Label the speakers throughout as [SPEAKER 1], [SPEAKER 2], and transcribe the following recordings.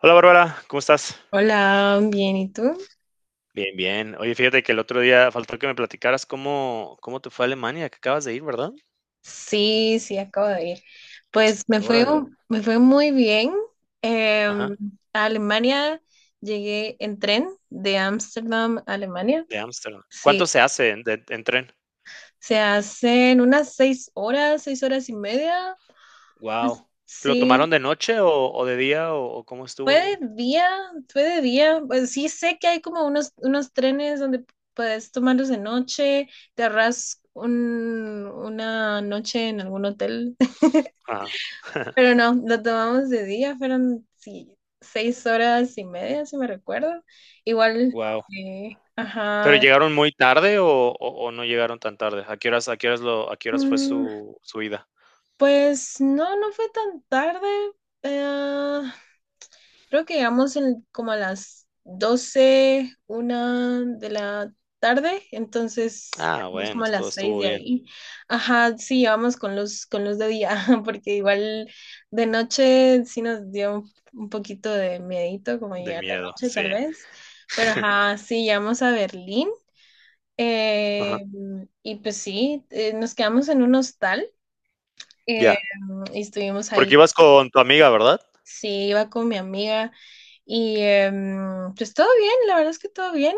[SPEAKER 1] Hola Bárbara, ¿cómo estás?
[SPEAKER 2] Hola, bien, ¿y tú?
[SPEAKER 1] Bien, bien. Oye, fíjate que el otro día faltó que me platicaras cómo te fue a Alemania, que acabas de ir, ¿verdad?
[SPEAKER 2] Sí, sí, acabo de ir. Pues me fue,
[SPEAKER 1] Órale,
[SPEAKER 2] me fue muy bien.
[SPEAKER 1] ajá,
[SPEAKER 2] Em, a Alemania llegué en tren de Ámsterdam a Alemania.
[SPEAKER 1] de Ámsterdam. ¿Cuánto
[SPEAKER 2] Sí,
[SPEAKER 1] se hace en, de- en tren?
[SPEAKER 2] se hacen unas 6 horas, 6 horas y media.
[SPEAKER 1] Wow. ¿Lo tomaron
[SPEAKER 2] Sí,
[SPEAKER 1] de noche o de día o cómo estuvo?
[SPEAKER 2] fue de día, fue de día. Pues sí sé que hay como unos trenes donde puedes tomarlos de noche, te ahorras una noche en algún hotel.
[SPEAKER 1] Ajá,
[SPEAKER 2] Pero no, lo tomamos de día, fueron sí, 6 horas y media, si me recuerdo. Igual,
[SPEAKER 1] wow. ¿Pero
[SPEAKER 2] ajá.
[SPEAKER 1] llegaron muy tarde o no llegaron tan tarde? A qué horas lo, a qué horas fue
[SPEAKER 2] Mm,
[SPEAKER 1] su, su ida?
[SPEAKER 2] pues no, no fue tan tarde. eh, creo que llegamos como a las 12 1 de la tarde, entonces
[SPEAKER 1] Ah,
[SPEAKER 2] salimos
[SPEAKER 1] bueno,
[SPEAKER 2] como a las
[SPEAKER 1] estuvo,
[SPEAKER 2] 6
[SPEAKER 1] estuvo
[SPEAKER 2] de
[SPEAKER 1] bien.
[SPEAKER 2] ahí. Ajá, sí, llevamos con luz de día, porque igual de noche sí nos dio un poquito de miedito como
[SPEAKER 1] De
[SPEAKER 2] llegar de
[SPEAKER 1] miedo,
[SPEAKER 2] noche tal
[SPEAKER 1] sí.
[SPEAKER 2] vez, pero ajá, sí, llegamos a Berlín.
[SPEAKER 1] Ajá,
[SPEAKER 2] eh, y pues sí, nos quedamos en un hostal. Eh,
[SPEAKER 1] ya.
[SPEAKER 2] y estuvimos
[SPEAKER 1] Porque
[SPEAKER 2] ahí.
[SPEAKER 1] ibas con tu amiga, ¿verdad?
[SPEAKER 2] Sí, iba con mi amiga y pues todo bien, la verdad es que todo bien.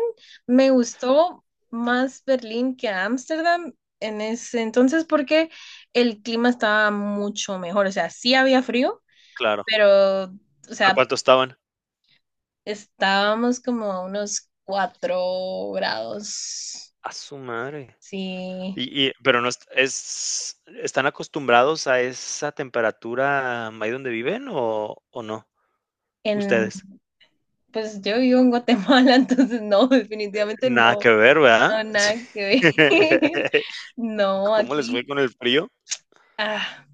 [SPEAKER 2] Me gustó más Berlín que Ámsterdam en ese entonces porque el clima estaba mucho mejor. O sea, sí había frío,
[SPEAKER 1] Claro.
[SPEAKER 2] pero, o
[SPEAKER 1] ¿A
[SPEAKER 2] sea,
[SPEAKER 1] cuánto estaban?
[SPEAKER 2] estábamos como a unos 4 grados.
[SPEAKER 1] A su madre.
[SPEAKER 2] Sí,
[SPEAKER 1] Y, pero no es ¿están acostumbrados a esa temperatura ahí donde viven o no?
[SPEAKER 2] en,
[SPEAKER 1] ¿Ustedes?
[SPEAKER 2] pues yo vivo en Guatemala, entonces no, definitivamente
[SPEAKER 1] Nada que
[SPEAKER 2] no.
[SPEAKER 1] ver, ¿verdad?
[SPEAKER 2] No,
[SPEAKER 1] Sí.
[SPEAKER 2] nada que ver. No,
[SPEAKER 1] ¿Cómo les fue
[SPEAKER 2] aquí
[SPEAKER 1] con el frío?
[SPEAKER 2] ah,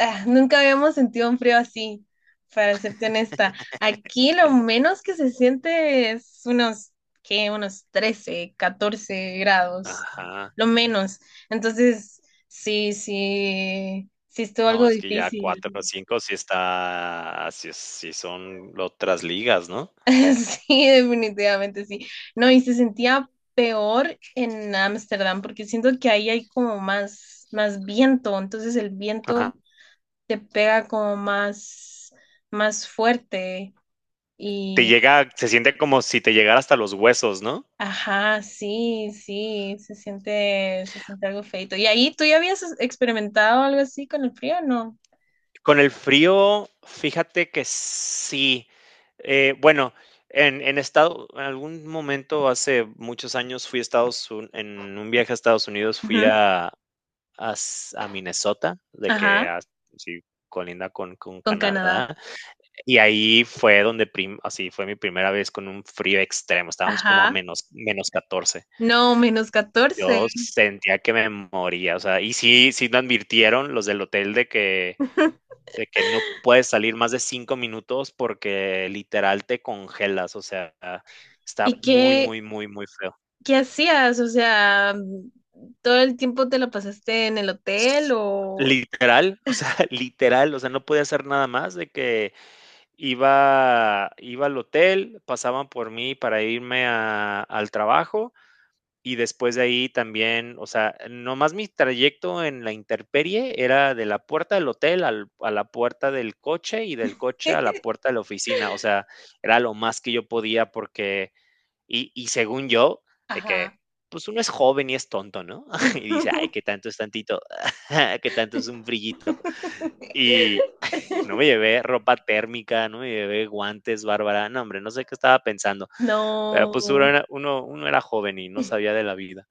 [SPEAKER 2] nunca habíamos sentido un frío así, para serte honesta. Aquí lo menos que se siente es unos, ¿qué? Unos 13, 14 grados,
[SPEAKER 1] Ajá.
[SPEAKER 2] lo menos. Entonces, sí, sí, sí estuvo
[SPEAKER 1] No,
[SPEAKER 2] algo
[SPEAKER 1] es que ya cuatro
[SPEAKER 2] difícil.
[SPEAKER 1] o 5 sí está ah, sí es sí son otras ligas, ¿no?
[SPEAKER 2] Sí, definitivamente sí. No, y se sentía peor en Ámsterdam porque siento que ahí hay como más, más viento, entonces el viento
[SPEAKER 1] Ajá.
[SPEAKER 2] te pega como más, más fuerte
[SPEAKER 1] Te
[SPEAKER 2] y,
[SPEAKER 1] llega Se siente como si te llegara hasta los huesos, ¿no?
[SPEAKER 2] ajá, sí, sí, se siente algo feito. ¿Y ahí tú ya habías experimentado algo así con el frío? No.
[SPEAKER 1] Con el frío, fíjate que sí. Bueno, en algún momento hace muchos años fui a Estados Unidos, en un viaje a Estados Unidos fui
[SPEAKER 2] Ujú.
[SPEAKER 1] a, s- a Minnesota,
[SPEAKER 2] Ajá,
[SPEAKER 1] sí, colinda con
[SPEAKER 2] con Canadá.
[SPEAKER 1] Canadá, y ahí fue donde, así fue mi primera vez con un frío extremo, estábamos como a
[SPEAKER 2] Ajá.
[SPEAKER 1] menos, menos 14.
[SPEAKER 2] No, -14.
[SPEAKER 1] Yo sentía que me moría, o sea, y sí, sí me advirtieron los del hotel de que no puedes salir más de cinco minutos porque literal te congelas, o sea, está
[SPEAKER 2] ¿Y
[SPEAKER 1] muy,
[SPEAKER 2] qué,
[SPEAKER 1] muy, muy, muy feo.
[SPEAKER 2] ¿Qué hacías? O sea, ¿todo el tiempo te lo pasaste en el hotel
[SPEAKER 1] S-
[SPEAKER 2] o?
[SPEAKER 1] Literal, o sea, literal, o sea, no podía hacer nada más de que iba al hotel, pasaban por mí para irme al trabajo. Y después de ahí también, o sea, nomás mi trayecto en la intemperie era de la puerta del hotel al a la puerta del coche, y del coche a la puerta de la oficina. O sea, era lo más que yo podía porque según yo, de que,
[SPEAKER 2] Ajá.
[SPEAKER 1] pues, uno es joven y es tonto, ¿no? Y dice: "Ay, qué tanto es tantito, qué tanto es un frillito". Y no me llevé ropa térmica, no me llevé guantes, Bárbara. No, hombre, no sé qué estaba pensando, pero, pues, uno
[SPEAKER 2] No,
[SPEAKER 1] era uno uno era joven y no sabía de la vida.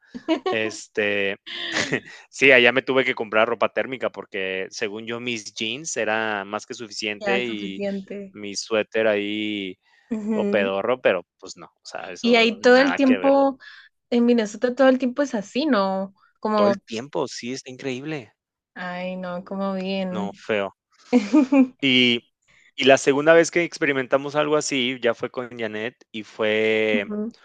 [SPEAKER 1] Este, sí, allá me tuve que comprar ropa térmica porque según yo mis jeans era más que
[SPEAKER 2] ya
[SPEAKER 1] suficiente y
[SPEAKER 2] suficiente.
[SPEAKER 1] mi suéter ahí todo
[SPEAKER 2] Ujú.
[SPEAKER 1] pedorro, pero pues no, o sea,
[SPEAKER 2] Y
[SPEAKER 1] eso
[SPEAKER 2] ahí todo el
[SPEAKER 1] nada que ver.
[SPEAKER 2] tiempo, en Minnesota todo el tiempo es así, ¿no?
[SPEAKER 1] Todo
[SPEAKER 2] Como,
[SPEAKER 1] el tiempo, sí, está increíble.
[SPEAKER 2] ay, no, como
[SPEAKER 1] No,
[SPEAKER 2] bien.
[SPEAKER 1] feo. Y, y la segunda vez que experimentamos algo así ya fue con Janet y fue
[SPEAKER 2] Ujú.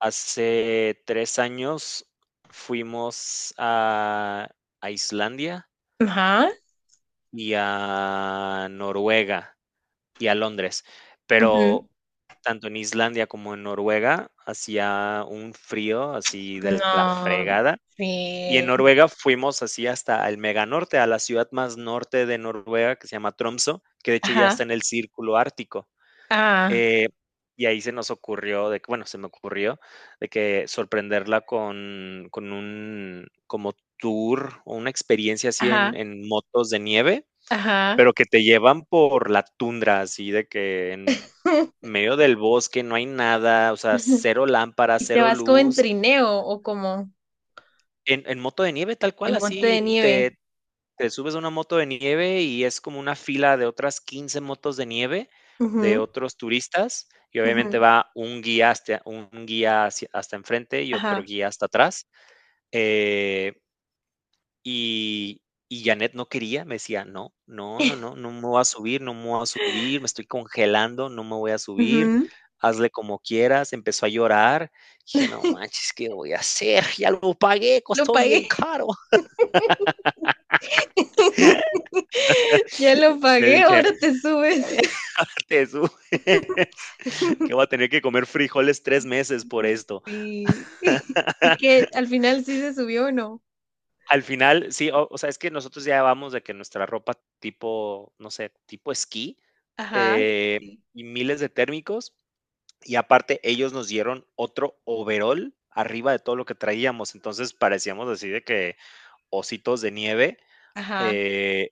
[SPEAKER 1] hace tres años. Fuimos a Islandia
[SPEAKER 2] Ajá.
[SPEAKER 1] y a Noruega y a Londres,
[SPEAKER 2] Ujú.
[SPEAKER 1] pero tanto en Islandia como en Noruega hacía un frío así de la
[SPEAKER 2] No,
[SPEAKER 1] fregada. Y en
[SPEAKER 2] sí.
[SPEAKER 1] Noruega fuimos así hasta el mega norte, a la ciudad más norte de Noruega, que se llama Tromsø, que de hecho ya está
[SPEAKER 2] Ajá.
[SPEAKER 1] en el círculo ártico.
[SPEAKER 2] Ah,
[SPEAKER 1] Eh, y ahí se nos ocurrió, de que, bueno, se me ocurrió, de que sorprenderla con un como tour o una experiencia así
[SPEAKER 2] ajá,
[SPEAKER 1] en motos de nieve,
[SPEAKER 2] ajá.
[SPEAKER 1] pero que te llevan por la tundra, así de que en medio del bosque no hay nada, o sea, cero lámparas,
[SPEAKER 2] Y te
[SPEAKER 1] cero
[SPEAKER 2] vas como en
[SPEAKER 1] luz.
[SPEAKER 2] trineo o como
[SPEAKER 1] En moto de nieve, tal
[SPEAKER 2] en
[SPEAKER 1] cual,
[SPEAKER 2] monte de
[SPEAKER 1] así te,
[SPEAKER 2] nieve.
[SPEAKER 1] te subes a una moto de nieve y es como una fila de otras 15 motos de nieve de
[SPEAKER 2] Ujú,
[SPEAKER 1] otros turistas y obviamente
[SPEAKER 2] ujú,
[SPEAKER 1] va un guía hasta, un guía hasta enfrente y otro
[SPEAKER 2] ajá.
[SPEAKER 1] guía hasta atrás. Eh, Y y Janet no quería, me decía: "No, no, no, no, no me voy a subir, no me voy a subir, me estoy congelando, no me voy a subir,
[SPEAKER 2] Ujú.
[SPEAKER 1] hazle como quieras". Empezó a llorar. Dije: "No manches, ¿qué voy a hacer? Ya lo pagué,
[SPEAKER 2] Lo
[SPEAKER 1] costó bien
[SPEAKER 2] pagué.
[SPEAKER 1] caro".
[SPEAKER 2] Ya lo
[SPEAKER 1] Le
[SPEAKER 2] pagué,
[SPEAKER 1] dije:
[SPEAKER 2] ahora te subes.
[SPEAKER 1] "Te subes, que voy a tener que comer frijoles 3 meses por esto".
[SPEAKER 2] Sí. Y que al final sí se subió o no.
[SPEAKER 1] Al final, sí, o sea, es que nosotros ya vamos de que nuestra ropa tipo, no sé, tipo esquí,
[SPEAKER 2] Ajá.
[SPEAKER 1] eh,
[SPEAKER 2] Sí.
[SPEAKER 1] y miles de térmicos. Y aparte, ellos nos dieron otro overol arriba de todo lo que traíamos. Entonces parecíamos así de que ositos de nieve.
[SPEAKER 2] Ajá.
[SPEAKER 1] eh,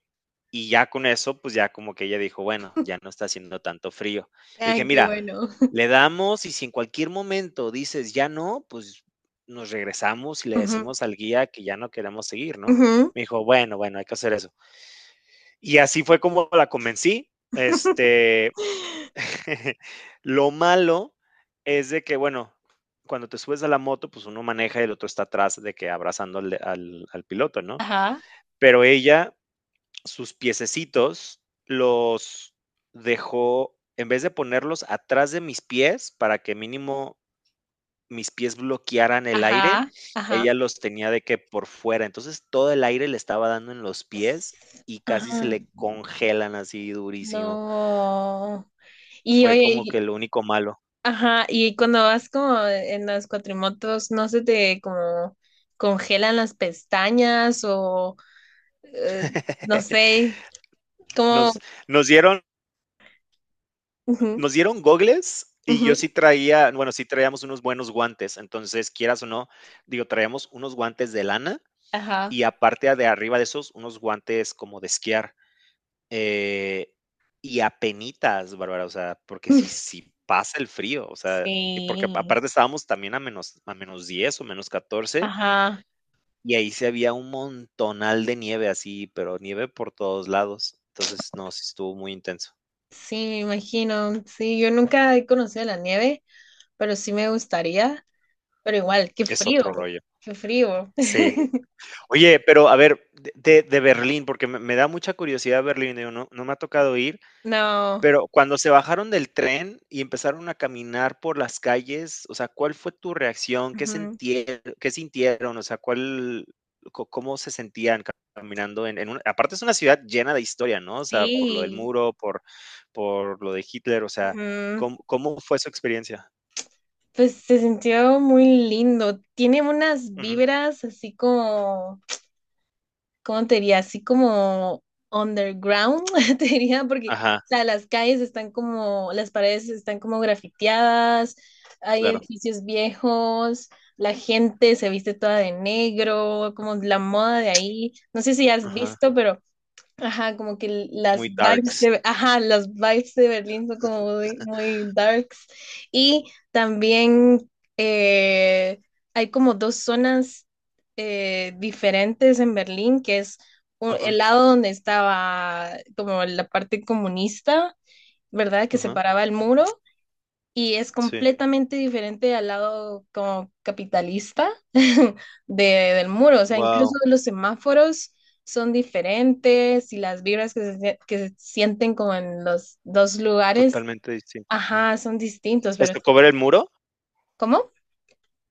[SPEAKER 1] y ya con eso, pues ya como que ella dijo, bueno, ya no está haciendo tanto frío. Y dije,
[SPEAKER 2] Ay, qué
[SPEAKER 1] mira,
[SPEAKER 2] bueno.
[SPEAKER 1] le damos y si en cualquier momento dices ya no, pues nos regresamos y le
[SPEAKER 2] Ujú,
[SPEAKER 1] decimos al guía que ya no queremos seguir, ¿no?
[SPEAKER 2] ujú.
[SPEAKER 1] Me dijo, bueno, bueno, hay que hacer eso. Y así fue como la convencí. Este, lo malo es de que, bueno, cuando te subes a la moto, pues uno maneja y el otro está atrás de que abrazando al, al piloto, ¿no?
[SPEAKER 2] Ajá.
[SPEAKER 1] Pero ella, sus piececitos, los dejó, en vez de ponerlos atrás de mis pies para que mínimo mis pies bloquearan el aire,
[SPEAKER 2] Ajá. Ajá.
[SPEAKER 1] ella los tenía de que por fuera. Entonces todo el aire le estaba dando en los pies y casi se
[SPEAKER 2] Ajá.
[SPEAKER 1] le congelan así durísimo.
[SPEAKER 2] No. Y
[SPEAKER 1] Fue como
[SPEAKER 2] oye,
[SPEAKER 1] que lo único malo.
[SPEAKER 2] ajá, y cuando vas como en las cuatrimotos, ¿no se te como congelan las pestañas o eh, no sé, como.
[SPEAKER 1] Nos, nos dieron,
[SPEAKER 2] Ujú,
[SPEAKER 1] nos dieron gogles y yo
[SPEAKER 2] ujú,
[SPEAKER 1] sí traía, bueno, sí traíamos unos buenos guantes, entonces quieras o no, digo, traíamos unos guantes de lana
[SPEAKER 2] ajá.
[SPEAKER 1] y aparte de arriba de esos, unos guantes como de esquiar. eh, y apenitas, Bárbara, o sea, porque si, si pasa el frío, o sea, y porque
[SPEAKER 2] Sí,
[SPEAKER 1] aparte estábamos también a menos 10 o menos 14
[SPEAKER 2] ajá,
[SPEAKER 1] y ahí se había un montonal de nieve así, pero nieve por todos lados. Entonces, no, sí estuvo muy intenso.
[SPEAKER 2] sí, me imagino. Sí, yo nunca he conocido la nieve, pero sí me gustaría. Pero igual, qué
[SPEAKER 1] Es
[SPEAKER 2] frío,
[SPEAKER 1] otro rollo.
[SPEAKER 2] qué frío.
[SPEAKER 1] Sí. Oye, pero a ver, de, de Berlín, porque me da mucha curiosidad Berlín, digo, no, no me ha tocado ir,
[SPEAKER 2] No,
[SPEAKER 1] pero cuando se bajaron del tren y empezaron a caminar por las calles, o sea, ¿cuál fue tu reacción? ¿Qué
[SPEAKER 2] ujú,
[SPEAKER 1] sintieron? ¿Qué sintieron? O sea, ¿cuál, cómo se sentían caminando en una, aparte es una ciudad llena de historia, ¿no? O sea, por lo del
[SPEAKER 2] sí,
[SPEAKER 1] muro, por lo de Hitler, o sea,
[SPEAKER 2] ujú.
[SPEAKER 1] ¿cómo, cómo fue su experiencia?
[SPEAKER 2] Pues se sintió muy lindo. Tiene unas
[SPEAKER 1] Ujú.
[SPEAKER 2] vibras así como, ¿cómo te diría? Así como underground, te diría, porque,
[SPEAKER 1] Ajá,
[SPEAKER 2] o sea, las calles están como, las paredes están como grafiteadas, hay
[SPEAKER 1] claro.
[SPEAKER 2] edificios viejos, la gente se viste toda de negro, como la moda de ahí. No sé si has
[SPEAKER 1] Ajá.
[SPEAKER 2] visto, pero ajá, como que las
[SPEAKER 1] Muy
[SPEAKER 2] vibes
[SPEAKER 1] darks.
[SPEAKER 2] de, ajá, las vibes de Berlín son como muy, muy darks. Y también eh, hay como dos zonas diferentes en Berlín, que es el
[SPEAKER 1] Ajá,
[SPEAKER 2] lado donde estaba como la parte comunista, ¿verdad? Que
[SPEAKER 1] ajá.
[SPEAKER 2] separaba el muro y es
[SPEAKER 1] Sí.
[SPEAKER 2] completamente diferente al lado como capitalista del muro. O sea, incluso
[SPEAKER 1] Wow.
[SPEAKER 2] los semáforos son diferentes y las vibras que se sienten como en los dos lugares,
[SPEAKER 1] Totalmente distintos, sí.
[SPEAKER 2] ajá, son distintos,
[SPEAKER 1] ¿Les
[SPEAKER 2] pero
[SPEAKER 1] tocó ver el muro?
[SPEAKER 2] ¿cómo?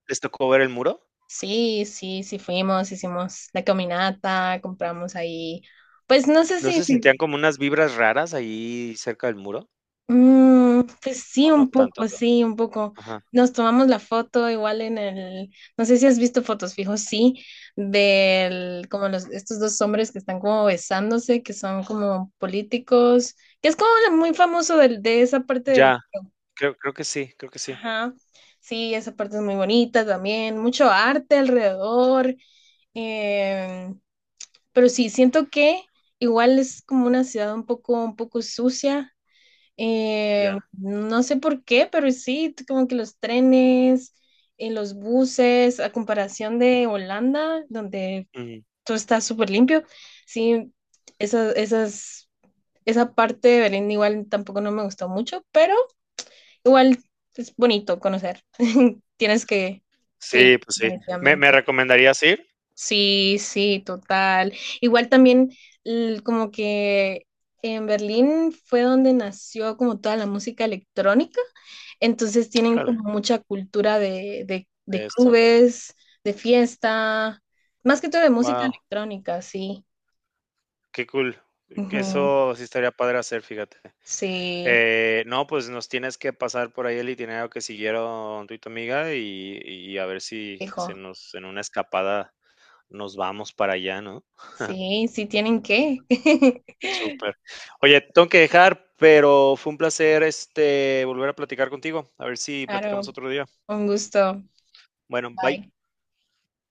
[SPEAKER 1] ¿Les tocó ver el muro?
[SPEAKER 2] Sí, sí, sí fuimos, hicimos la caminata, compramos ahí. Pues no sé
[SPEAKER 1] ¿No
[SPEAKER 2] si,
[SPEAKER 1] se
[SPEAKER 2] si
[SPEAKER 1] sentían como unas vibras raras ahí cerca del muro?
[SPEAKER 2] Pues sí,
[SPEAKER 1] ¿O no
[SPEAKER 2] un
[SPEAKER 1] tanto?
[SPEAKER 2] poco, sí, un poco.
[SPEAKER 1] Ajá.
[SPEAKER 2] Nos tomamos la foto igual en el, no sé si has visto fotos fijos, sí, del, como los, estos dos hombres que están como besándose, que son como políticos, que es como lo muy famoso de esa parte
[SPEAKER 1] Ya,
[SPEAKER 2] del,
[SPEAKER 1] creo que sí, creo que sí.
[SPEAKER 2] ajá, sí, esa parte es muy bonita también, mucho arte alrededor, eh, pero sí, siento que igual es como una ciudad un poco sucia,
[SPEAKER 1] Ya.
[SPEAKER 2] no sé por qué, pero sí, como que los trenes, los buses, a comparación de Holanda, donde
[SPEAKER 1] Ujú.
[SPEAKER 2] todo está súper limpio, sí, esa, esas, esa parte de Berlín igual tampoco no me gustó mucho, pero igual es bonito conocer. Tienes que
[SPEAKER 1] Sí,
[SPEAKER 2] ir,
[SPEAKER 1] pues sí. ¿Me
[SPEAKER 2] definitivamente.
[SPEAKER 1] recomendarías ir?
[SPEAKER 2] Sí, sí, total. Igual también como que en Berlín fue donde nació como toda la música electrónica, entonces tienen
[SPEAKER 1] Órale,
[SPEAKER 2] como mucha cultura de,
[SPEAKER 1] de Esto.
[SPEAKER 2] clubes, de fiesta, más que todo de música
[SPEAKER 1] Wow.
[SPEAKER 2] electrónica, sí.
[SPEAKER 1] Qué cool. Que
[SPEAKER 2] Ujú,
[SPEAKER 1] eso sí estaría padre hacer, fíjate.
[SPEAKER 2] sí,
[SPEAKER 1] No, pues nos tienes que pasar por ahí el itinerario que siguieron tú y tu amiga y a ver si se
[SPEAKER 2] hijo,
[SPEAKER 1] nos en una escapada nos vamos para allá, ¿no?
[SPEAKER 2] sí, sí tienen que.
[SPEAKER 1] Súper. Oye, tengo que dejar, pero fue un placer, este, volver a platicar contigo. A ver si platicamos
[SPEAKER 2] Claro,
[SPEAKER 1] otro día.
[SPEAKER 2] un gusto.
[SPEAKER 1] Bueno, bye.
[SPEAKER 2] Bye.